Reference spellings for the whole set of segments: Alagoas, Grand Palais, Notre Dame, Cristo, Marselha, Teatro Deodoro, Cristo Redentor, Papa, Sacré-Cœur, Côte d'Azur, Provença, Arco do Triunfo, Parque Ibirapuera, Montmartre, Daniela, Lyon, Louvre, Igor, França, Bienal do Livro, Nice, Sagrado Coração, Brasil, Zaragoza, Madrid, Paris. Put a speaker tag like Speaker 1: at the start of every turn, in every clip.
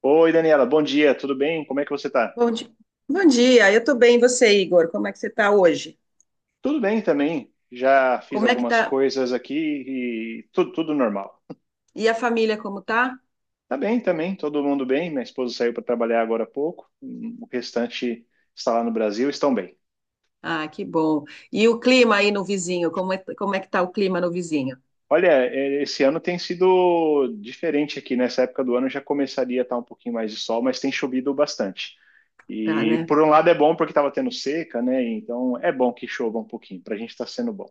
Speaker 1: Oi, Daniela, bom dia, tudo bem? Como é que você tá?
Speaker 2: Bom dia. Bom dia, eu tô bem, e você, Igor? Como é que você tá hoje?
Speaker 1: Tudo bem também. Já fiz
Speaker 2: Como é que
Speaker 1: algumas
Speaker 2: tá?
Speaker 1: coisas aqui e tudo normal.
Speaker 2: E a família, como tá?
Speaker 1: Tá bem também, todo mundo bem. Minha esposa saiu para trabalhar agora há pouco. O restante está lá no Brasil, estão bem.
Speaker 2: Ah, que bom. E o clima aí no vizinho, como é que tá o clima no vizinho?
Speaker 1: Olha, é, esse ano tem sido diferente aqui. Nessa época do ano já começaria a estar um pouquinho mais de sol, mas tem chovido bastante.
Speaker 2: Tá,
Speaker 1: E
Speaker 2: né?
Speaker 1: por um lado é bom porque estava tendo seca, né? Então é bom que chova um pouquinho, para a gente está sendo bom.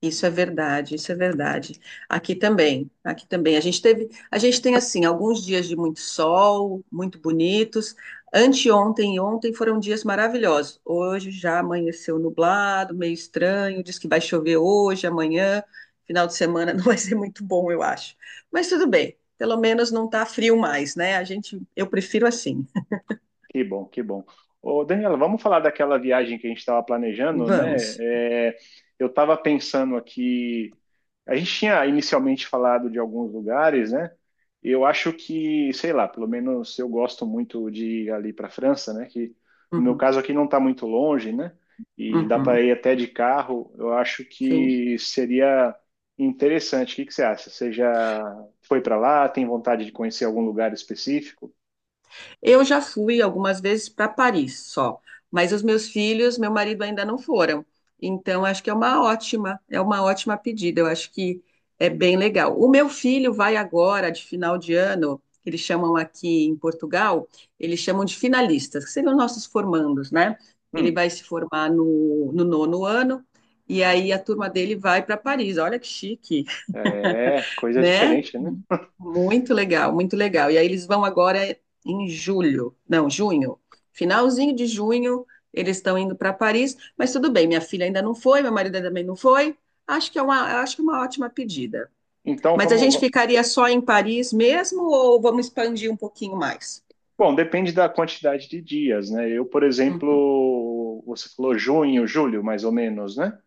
Speaker 2: Isso é verdade. Aqui também. A gente tem assim, alguns dias de muito sol, muito bonitos. Anteontem e ontem foram dias maravilhosos. Hoje já amanheceu nublado, meio estranho, diz que vai chover hoje, amanhã, final de semana não vai ser muito bom, eu acho. Mas tudo bem, pelo menos não tá frio mais, né? Eu prefiro assim.
Speaker 1: Que bom, que bom. Ô, Daniela, vamos falar daquela viagem que a gente estava planejando, né?
Speaker 2: Vamos.
Speaker 1: É, eu estava pensando aqui, a gente tinha inicialmente falado de alguns lugares, né? Eu acho que, sei lá, pelo menos eu gosto muito de ir ali para a França, né? Que no meu
Speaker 2: Uhum,
Speaker 1: caso aqui não está muito longe, né? E dá para
Speaker 2: uhum,
Speaker 1: ir até de carro. Eu acho
Speaker 2: sim.
Speaker 1: que seria interessante. O que que você acha? Você já foi para lá? Tem vontade de conhecer algum lugar específico?
Speaker 2: Eu já fui algumas vezes para Paris só, mas os meus filhos, meu marido ainda não foram. Então, acho que é uma ótima pedida. Eu acho que é bem legal. O meu filho vai agora, de final de ano, que eles chamam aqui em Portugal, eles chamam de finalistas, que seriam nossos formandos, né? Ele
Speaker 1: Hum.
Speaker 2: vai se formar no nono ano, e aí a turma dele vai para Paris. Olha que chique!
Speaker 1: É, coisa
Speaker 2: Né?
Speaker 1: diferente, né?
Speaker 2: Muito legal, muito legal. E aí eles vão agora em julho, não, junho, finalzinho de junho, eles estão indo para Paris, mas tudo bem, minha filha ainda não foi, meu marido também não foi. Acho que é uma, acho que é uma ótima pedida.
Speaker 1: Então
Speaker 2: Mas a gente ficaria só em Paris mesmo ou vamos expandir um pouquinho mais?
Speaker 1: bom, depende da quantidade de dias, né? Eu, por
Speaker 2: Hum.
Speaker 1: exemplo, você falou junho, julho, mais ou menos, né?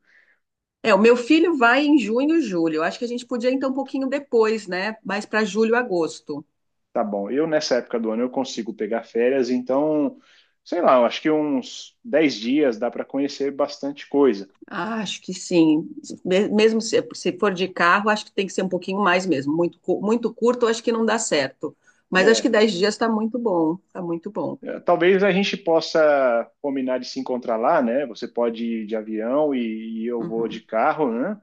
Speaker 2: É, o meu filho vai em junho, julho. Acho que a gente podia então um pouquinho depois, né? Mais para julho, agosto.
Speaker 1: Tá bom. Eu, nessa época do ano, eu consigo pegar férias, então, sei lá, eu acho que uns 10 dias dá para conhecer bastante coisa.
Speaker 2: Acho que sim. Me- Mesmo se, se for de carro, acho que tem que ser um pouquinho mais mesmo. Muito curto, acho que não dá certo. Mas acho que
Speaker 1: É,
Speaker 2: dez dias está muito bom. Está muito bom.
Speaker 1: é, talvez a gente possa combinar de se encontrar lá, né? Você pode ir de avião e eu vou de
Speaker 2: Uhum,
Speaker 1: carro, né?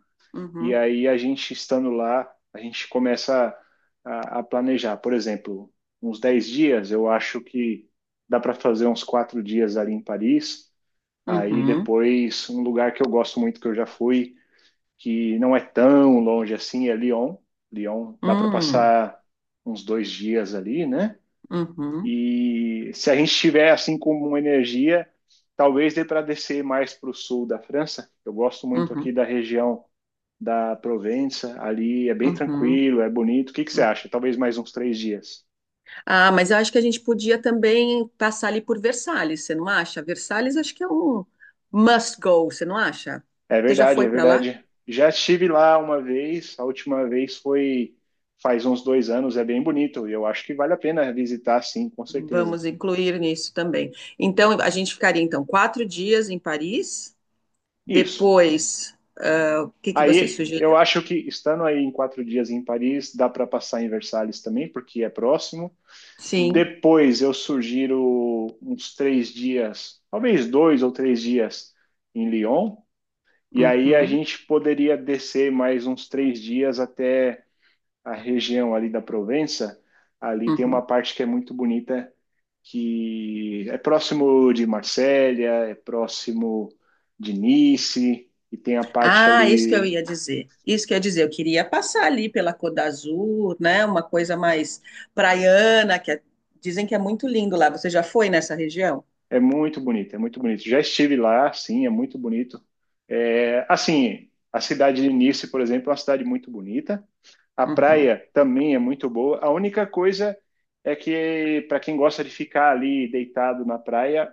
Speaker 1: E
Speaker 2: uhum,
Speaker 1: aí a gente estando lá, a gente começa a planejar. Por exemplo, uns 10 dias, eu acho que dá para fazer uns 4 dias ali em Paris. Aí
Speaker 2: uhum,
Speaker 1: depois, um lugar que eu gosto muito, que eu já fui, que não é tão longe assim, é Lyon. Lyon, dá para
Speaker 2: hum,
Speaker 1: passar uns 2 dias ali, né?
Speaker 2: uhum,
Speaker 1: E se a gente tiver assim com uma energia, talvez dê para descer mais para o sul da França. Eu gosto muito aqui
Speaker 2: uhum,
Speaker 1: da região da Provença, ali é bem
Speaker 2: uhum,
Speaker 1: tranquilo, é bonito. O que que você
Speaker 2: uhum.
Speaker 1: acha? Talvez mais uns 3 dias.
Speaker 2: Ah, mas eu acho que a gente podia também passar ali por Versalhes, você não acha? Versalhes acho que é um must go, você não acha?
Speaker 1: É
Speaker 2: Você já
Speaker 1: verdade,
Speaker 2: foi
Speaker 1: é
Speaker 2: para lá?
Speaker 1: verdade. Já estive lá uma vez, a última vez foi faz uns 2 anos, é bem bonito. E eu acho que vale a pena visitar, sim, com certeza.
Speaker 2: Vamos incluir nisso também. Então, a gente ficaria então quatro dias em Paris.
Speaker 1: Isso.
Speaker 2: Depois, ah, o que que você
Speaker 1: Aí
Speaker 2: sugeriu?
Speaker 1: eu acho que estando aí em 4 dias em Paris, dá para passar em Versalhes também, porque é próximo.
Speaker 2: Sim.
Speaker 1: Depois eu sugiro uns 3 dias, talvez 2 ou 3 dias em Lyon. E aí a
Speaker 2: Uhum,
Speaker 1: gente poderia descer mais uns 3 dias até a região ali da Provença. Ali tem uma
Speaker 2: uhum.
Speaker 1: parte que é muito bonita, que é próximo de Marselha, é próximo de Nice, e tem a parte ali.
Speaker 2: Isso que eu ia dizer, eu queria passar ali pela Côte d'Azur, né? Uma coisa mais praiana, que é- Dizem que é muito lindo lá. Você já foi nessa região?
Speaker 1: É muito bonito, é muito bonito. Já estive lá, sim, é muito bonito. É, assim, a cidade de Nice, por exemplo, é uma cidade muito bonita. A
Speaker 2: Uhum.
Speaker 1: praia também é muito boa. A única coisa é que, para quem gosta de ficar ali deitado na praia,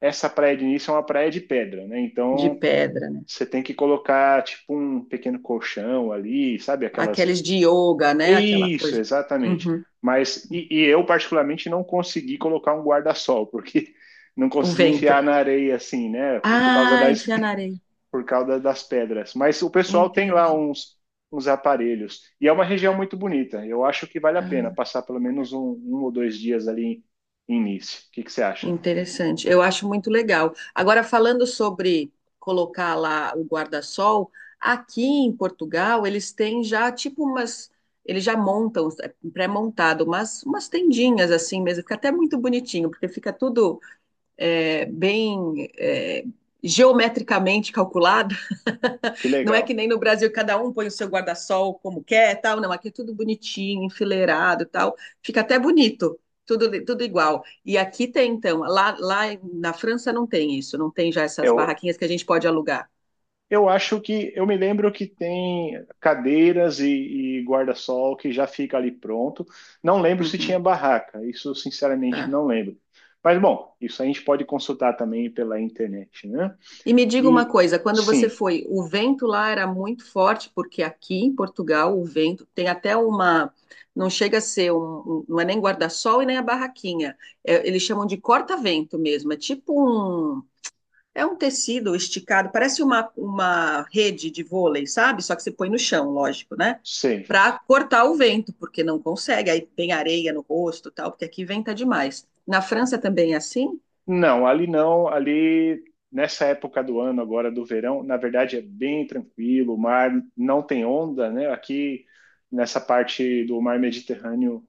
Speaker 1: essa praia de início é uma praia de pedra, né?
Speaker 2: De
Speaker 1: Então
Speaker 2: pedra, né?
Speaker 1: você tem que colocar tipo um pequeno colchão ali, sabe? Aquelas.
Speaker 2: Aqueles de yoga, né? Aquela
Speaker 1: Isso,
Speaker 2: coisa.
Speaker 1: exatamente.
Speaker 2: Uhum.
Speaker 1: Mas e eu, particularmente, não consegui colocar um guarda-sol, porque não
Speaker 2: O
Speaker 1: consegui
Speaker 2: vento.
Speaker 1: enfiar na areia assim, né? Por causa da
Speaker 2: Ah, enfiar na areia.
Speaker 1: por causa das pedras. Mas o pessoal tem lá
Speaker 2: Entendi.
Speaker 1: uns aparelhos. E é uma região muito bonita. Eu acho que vale a pena
Speaker 2: Ah.
Speaker 1: passar pelo menos um ou dois dias ali em Nice. O que você acha?
Speaker 2: Interessante. Eu acho muito legal. Agora, falando sobre colocar lá o guarda-sol, aqui em Portugal eles têm já tipo umas. Eles já montam, é pré-montado, umas tendinhas assim mesmo. Fica até muito bonitinho, porque fica tudo é, bem é, geometricamente calculado.
Speaker 1: Que
Speaker 2: Não é que
Speaker 1: legal.
Speaker 2: nem no Brasil, cada um põe o seu guarda-sol como quer, tal. Não, aqui é tudo bonitinho, enfileirado, tal. Fica até bonito, tudo igual. E aqui tem, então, lá na França não tem isso, não tem já essas
Speaker 1: Eu,
Speaker 2: barraquinhas que a gente pode alugar.
Speaker 1: eu acho que. Eu me lembro que tem cadeiras e guarda-sol que já fica ali pronto. Não lembro se
Speaker 2: Uhum,
Speaker 1: tinha barraca. Isso, sinceramente,
Speaker 2: tá.
Speaker 1: não lembro. Mas, bom, isso a gente pode consultar também pela internet, né?
Speaker 2: E me diga uma
Speaker 1: E,
Speaker 2: coisa, quando você
Speaker 1: sim,
Speaker 2: foi, o vento lá era muito forte, porque aqui em Portugal o vento tem até uma, não chega a ser um, um- não é nem guarda-sol e nem a barraquinha. É, eles chamam de corta-vento mesmo, é tipo um. É um tecido esticado, parece uma rede de vôlei, sabe? Só que você põe no chão, lógico, né?
Speaker 1: sei.
Speaker 2: Para cortar o vento, porque não consegue. Aí tem areia no rosto, e tal, porque aqui venta demais. Na França também é assim?
Speaker 1: Não, ali não, ali nessa época do ano agora do verão, na verdade é bem tranquilo, o mar não tem onda, né? Aqui nessa parte do mar Mediterrâneo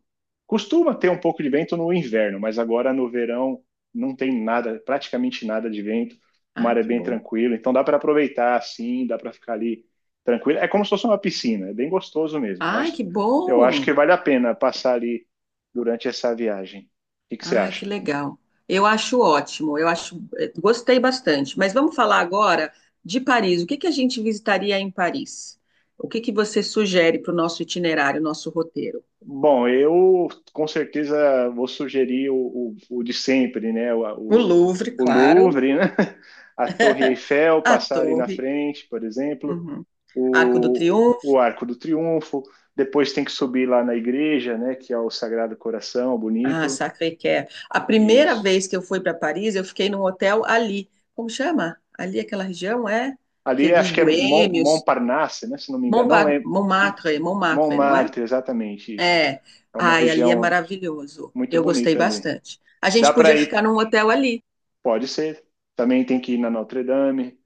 Speaker 1: costuma ter um pouco de vento no inverno, mas agora no verão não tem nada, praticamente nada de vento. O mar
Speaker 2: Ai,
Speaker 1: é
Speaker 2: que
Speaker 1: bem
Speaker 2: bom.
Speaker 1: tranquilo, então dá para aproveitar assim, dá para ficar ali tranquilo. É como se fosse uma piscina, é bem gostoso mesmo. Eu
Speaker 2: Ai,
Speaker 1: acho,
Speaker 2: que
Speaker 1: eu acho que
Speaker 2: bom!
Speaker 1: vale a pena passar ali durante essa viagem. O que que você
Speaker 2: Ah, que
Speaker 1: acha?
Speaker 2: legal. Eu acho ótimo, eu acho, gostei bastante. Mas vamos falar agora de Paris. O que que a gente visitaria em Paris? O que que você sugere para o nosso itinerário, nosso roteiro?
Speaker 1: Bom, eu com certeza vou sugerir o de sempre, né?
Speaker 2: O
Speaker 1: O,
Speaker 2: Louvre,
Speaker 1: o
Speaker 2: claro,
Speaker 1: Louvre, né? A Torre Eiffel,
Speaker 2: a
Speaker 1: passar ali na
Speaker 2: Torre.
Speaker 1: frente, por exemplo,
Speaker 2: Uhum. Arco do
Speaker 1: o
Speaker 2: Triunfo,
Speaker 1: Arco do Triunfo. Depois tem que subir lá na igreja, né? Que é o Sagrado Coração,
Speaker 2: ah,
Speaker 1: bonito.
Speaker 2: Sacré-Cœur. A primeira
Speaker 1: Isso.
Speaker 2: vez que eu fui para Paris, eu fiquei num hotel ali. Como chama? Ali aquela região é que é
Speaker 1: Ali
Speaker 2: dos
Speaker 1: acho que é
Speaker 2: boêmios,
Speaker 1: Montparnasse, né? Se não me engano, não lembro.
Speaker 2: Montmartre, Montmartre, não é?
Speaker 1: Montmartre, exatamente isso.
Speaker 2: É,
Speaker 1: É uma
Speaker 2: ai, ali é
Speaker 1: região
Speaker 2: maravilhoso.
Speaker 1: muito
Speaker 2: Eu gostei
Speaker 1: bonita ali.
Speaker 2: bastante. A gente
Speaker 1: Dá para
Speaker 2: podia ficar
Speaker 1: ir,
Speaker 2: num hotel ali.
Speaker 1: pode ser. Também tem que ir na Notre Dame.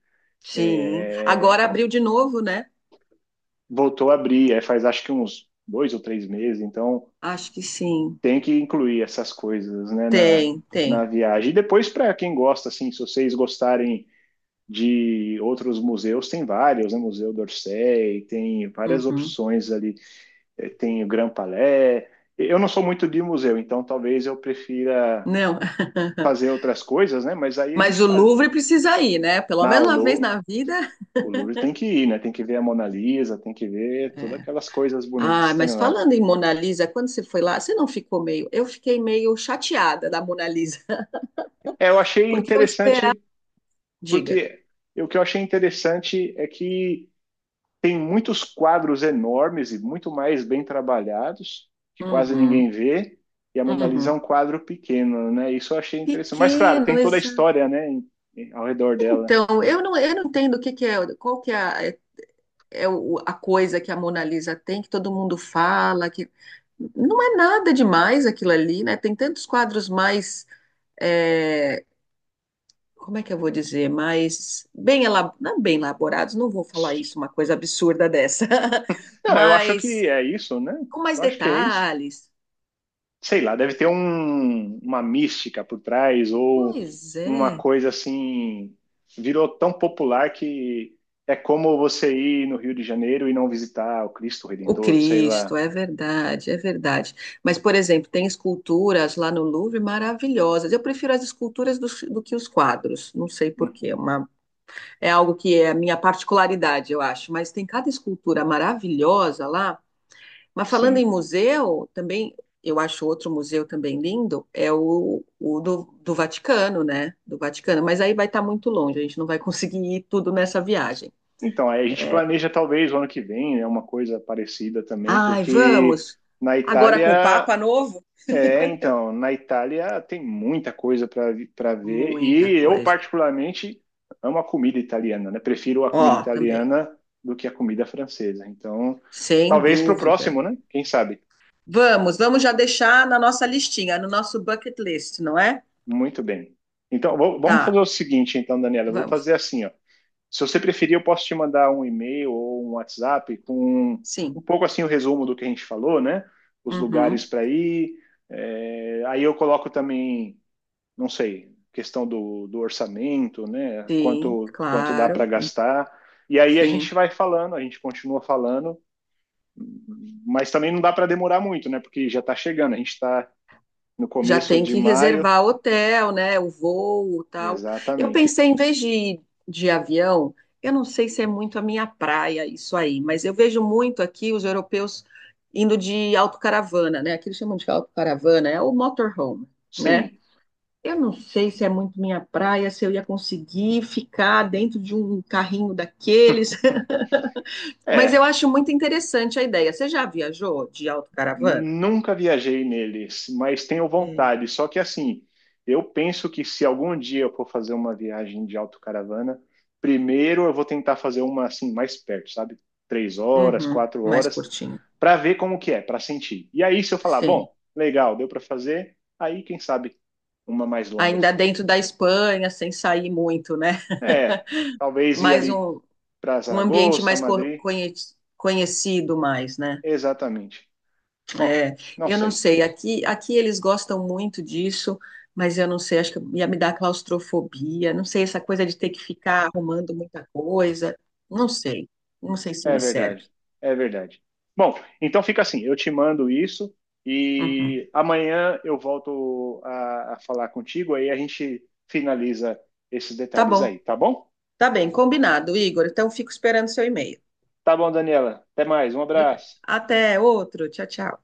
Speaker 2: Sim. Agora abriu de novo, né?
Speaker 1: Voltou a abrir, é, faz acho que uns 2 ou 3 meses, então
Speaker 2: Acho que sim.
Speaker 1: tem que incluir essas coisas, né, na,
Speaker 2: Tem, tem.
Speaker 1: na viagem. E depois, para quem gosta, assim, se vocês gostarem de outros museus, tem vários, né, Museu d'Orsay, tem várias
Speaker 2: Uhum.
Speaker 1: opções ali, tem o Grand Palais. Eu não sou muito de museu, então talvez eu prefira
Speaker 2: Não.
Speaker 1: fazer outras coisas, né, mas aí a gente
Speaker 2: Mas o
Speaker 1: está
Speaker 2: Louvre precisa ir, né? Pelo
Speaker 1: na o
Speaker 2: menos uma vez
Speaker 1: Lou-
Speaker 2: na vida.
Speaker 1: o Louvre tem que ir, né? Tem que ver a Mona Lisa, tem que ver todas
Speaker 2: É.
Speaker 1: aquelas coisas bonitas
Speaker 2: Ah,
Speaker 1: que tem
Speaker 2: mas
Speaker 1: lá.
Speaker 2: falando em Mona Lisa, quando você foi lá, você não ficou meio. Eu fiquei meio chateada da Mona Lisa,
Speaker 1: É, eu achei
Speaker 2: porque eu esperava.
Speaker 1: interessante,
Speaker 2: Diga.
Speaker 1: porque o que eu achei interessante é que tem muitos quadros enormes e muito mais bem trabalhados, que quase
Speaker 2: Uhum,
Speaker 1: ninguém vê, e a Mona Lisa é um
Speaker 2: uhum.
Speaker 1: quadro pequeno, né? Isso eu achei interessante. Mas, claro,
Speaker 2: Pequeno.
Speaker 1: tem toda a história, né, ao redor dela.
Speaker 2: Então, eu não entendo o que que é, qual que é, a- é é o- a coisa que a Mona Lisa tem, que todo mundo fala, que não é nada demais aquilo ali, né? Tem tantos quadros mais, é, como é que eu vou dizer, mais bem, não é bem elaborados, não vou falar isso, uma coisa absurda dessa,
Speaker 1: Não, eu acho
Speaker 2: mas
Speaker 1: que é isso, né?
Speaker 2: com mais
Speaker 1: Eu acho que é isso.
Speaker 2: detalhes.
Speaker 1: Sei lá, deve ter uma mística por trás ou
Speaker 2: Pois
Speaker 1: uma
Speaker 2: é.
Speaker 1: coisa assim, virou tão popular que é como você ir no Rio de Janeiro e não visitar o Cristo
Speaker 2: O
Speaker 1: Redentor, sei
Speaker 2: Cristo,
Speaker 1: lá.
Speaker 2: é verdade, é verdade. Mas, por exemplo, tem esculturas lá no Louvre maravilhosas. Eu prefiro as esculturas do que os quadros. Não sei por quê.
Speaker 1: Uhum,
Speaker 2: É algo que é a minha particularidade, eu acho. Mas tem cada escultura maravilhosa lá. Mas falando em
Speaker 1: sim.
Speaker 2: museu, também eu acho outro museu também lindo, é o do Vaticano, né? Do Vaticano. Mas aí vai estar muito longe, a gente não vai conseguir ir tudo nessa viagem.
Speaker 1: Então, aí a gente
Speaker 2: É.
Speaker 1: planeja talvez o ano que vem, né, uma coisa parecida também,
Speaker 2: Ai,
Speaker 1: porque
Speaker 2: vamos!
Speaker 1: na
Speaker 2: Agora com o
Speaker 1: Itália
Speaker 2: Papa novo?
Speaker 1: é, então, na Itália tem muita coisa para ver
Speaker 2: Muita
Speaker 1: e eu
Speaker 2: coisa.
Speaker 1: particularmente amo a comida italiana, né? Prefiro a comida
Speaker 2: Ó, também,
Speaker 1: italiana do que a comida francesa. Então,
Speaker 2: sem
Speaker 1: talvez para o
Speaker 2: dúvida.
Speaker 1: próximo, né? Quem sabe?
Speaker 2: Vamos, vamos já deixar na nossa listinha, no nosso bucket list, não é?
Speaker 1: Muito bem. Então, vamos fazer
Speaker 2: Tá,
Speaker 1: o seguinte, então, Daniela, eu vou
Speaker 2: vamos.
Speaker 1: fazer assim, ó. Se você preferir, eu posso te mandar um e-mail ou um WhatsApp com um
Speaker 2: Sim.
Speaker 1: pouco assim o resumo do que a gente falou, né? Os lugares
Speaker 2: Uhum.
Speaker 1: para ir. É, aí eu coloco também não sei, questão do orçamento, né?
Speaker 2: Sim,
Speaker 1: Quanto dá para
Speaker 2: claro.
Speaker 1: gastar. E aí a gente
Speaker 2: Sim.
Speaker 1: vai falando, a gente continua falando, mas também não dá para demorar muito, né? Porque já está chegando, a gente está no
Speaker 2: Já
Speaker 1: começo
Speaker 2: tem
Speaker 1: de
Speaker 2: que
Speaker 1: maio,
Speaker 2: reservar hotel, né? O voo, tal. Eu
Speaker 1: exatamente.
Speaker 2: pensei, em vez de ir de avião, eu não sei se é muito a minha praia isso aí, mas eu vejo muito aqui os europeus indo de autocaravana, né? Aqui eles chamam de autocaravana, é o motorhome, né?
Speaker 1: Sim,
Speaker 2: Eu não sei se é muito minha praia, se eu ia conseguir ficar dentro de um carrinho daqueles, mas
Speaker 1: é,
Speaker 2: eu acho muito interessante a ideia. Você já viajou de autocaravana?
Speaker 1: nunca viajei neles, mas tenho
Speaker 2: É.
Speaker 1: vontade. Só que assim, eu penso que se algum dia eu for fazer uma viagem de autocaravana, primeiro eu vou tentar fazer uma assim mais perto, sabe? 3 horas,
Speaker 2: Uhum,
Speaker 1: quatro
Speaker 2: mais
Speaker 1: horas,
Speaker 2: curtinha.
Speaker 1: para ver como que é, para sentir. E aí, se eu falar,
Speaker 2: Sim.
Speaker 1: bom, legal, deu para fazer, aí quem sabe uma mais longa
Speaker 2: Ainda
Speaker 1: assim.
Speaker 2: dentro da Espanha, sem sair muito, né?
Speaker 1: É, talvez ir
Speaker 2: Mais
Speaker 1: ali
Speaker 2: um,
Speaker 1: para
Speaker 2: um ambiente
Speaker 1: Zaragoza,
Speaker 2: mais
Speaker 1: Madrid,
Speaker 2: conhecido mais, né?
Speaker 1: exatamente. Bom,
Speaker 2: É,
Speaker 1: não
Speaker 2: eu não
Speaker 1: sei.
Speaker 2: sei, aqui eles gostam muito disso, mas eu não sei, acho que ia me dar claustrofobia, não sei, essa coisa de ter que ficar arrumando muita coisa, não sei, não sei se
Speaker 1: É
Speaker 2: me serve.
Speaker 1: verdade, é verdade. Bom, então fica assim, eu te mando isso
Speaker 2: Uhum.
Speaker 1: e amanhã eu volto a falar contigo, aí a gente finaliza esses
Speaker 2: Tá
Speaker 1: detalhes
Speaker 2: bom,
Speaker 1: aí, tá bom?
Speaker 2: tá bem, combinado, Igor, então fico esperando seu e-mail.
Speaker 1: Tá bom, Daniela. Até mais, um
Speaker 2: Obrigada.
Speaker 1: abraço.
Speaker 2: Até outro, tchau, tchau.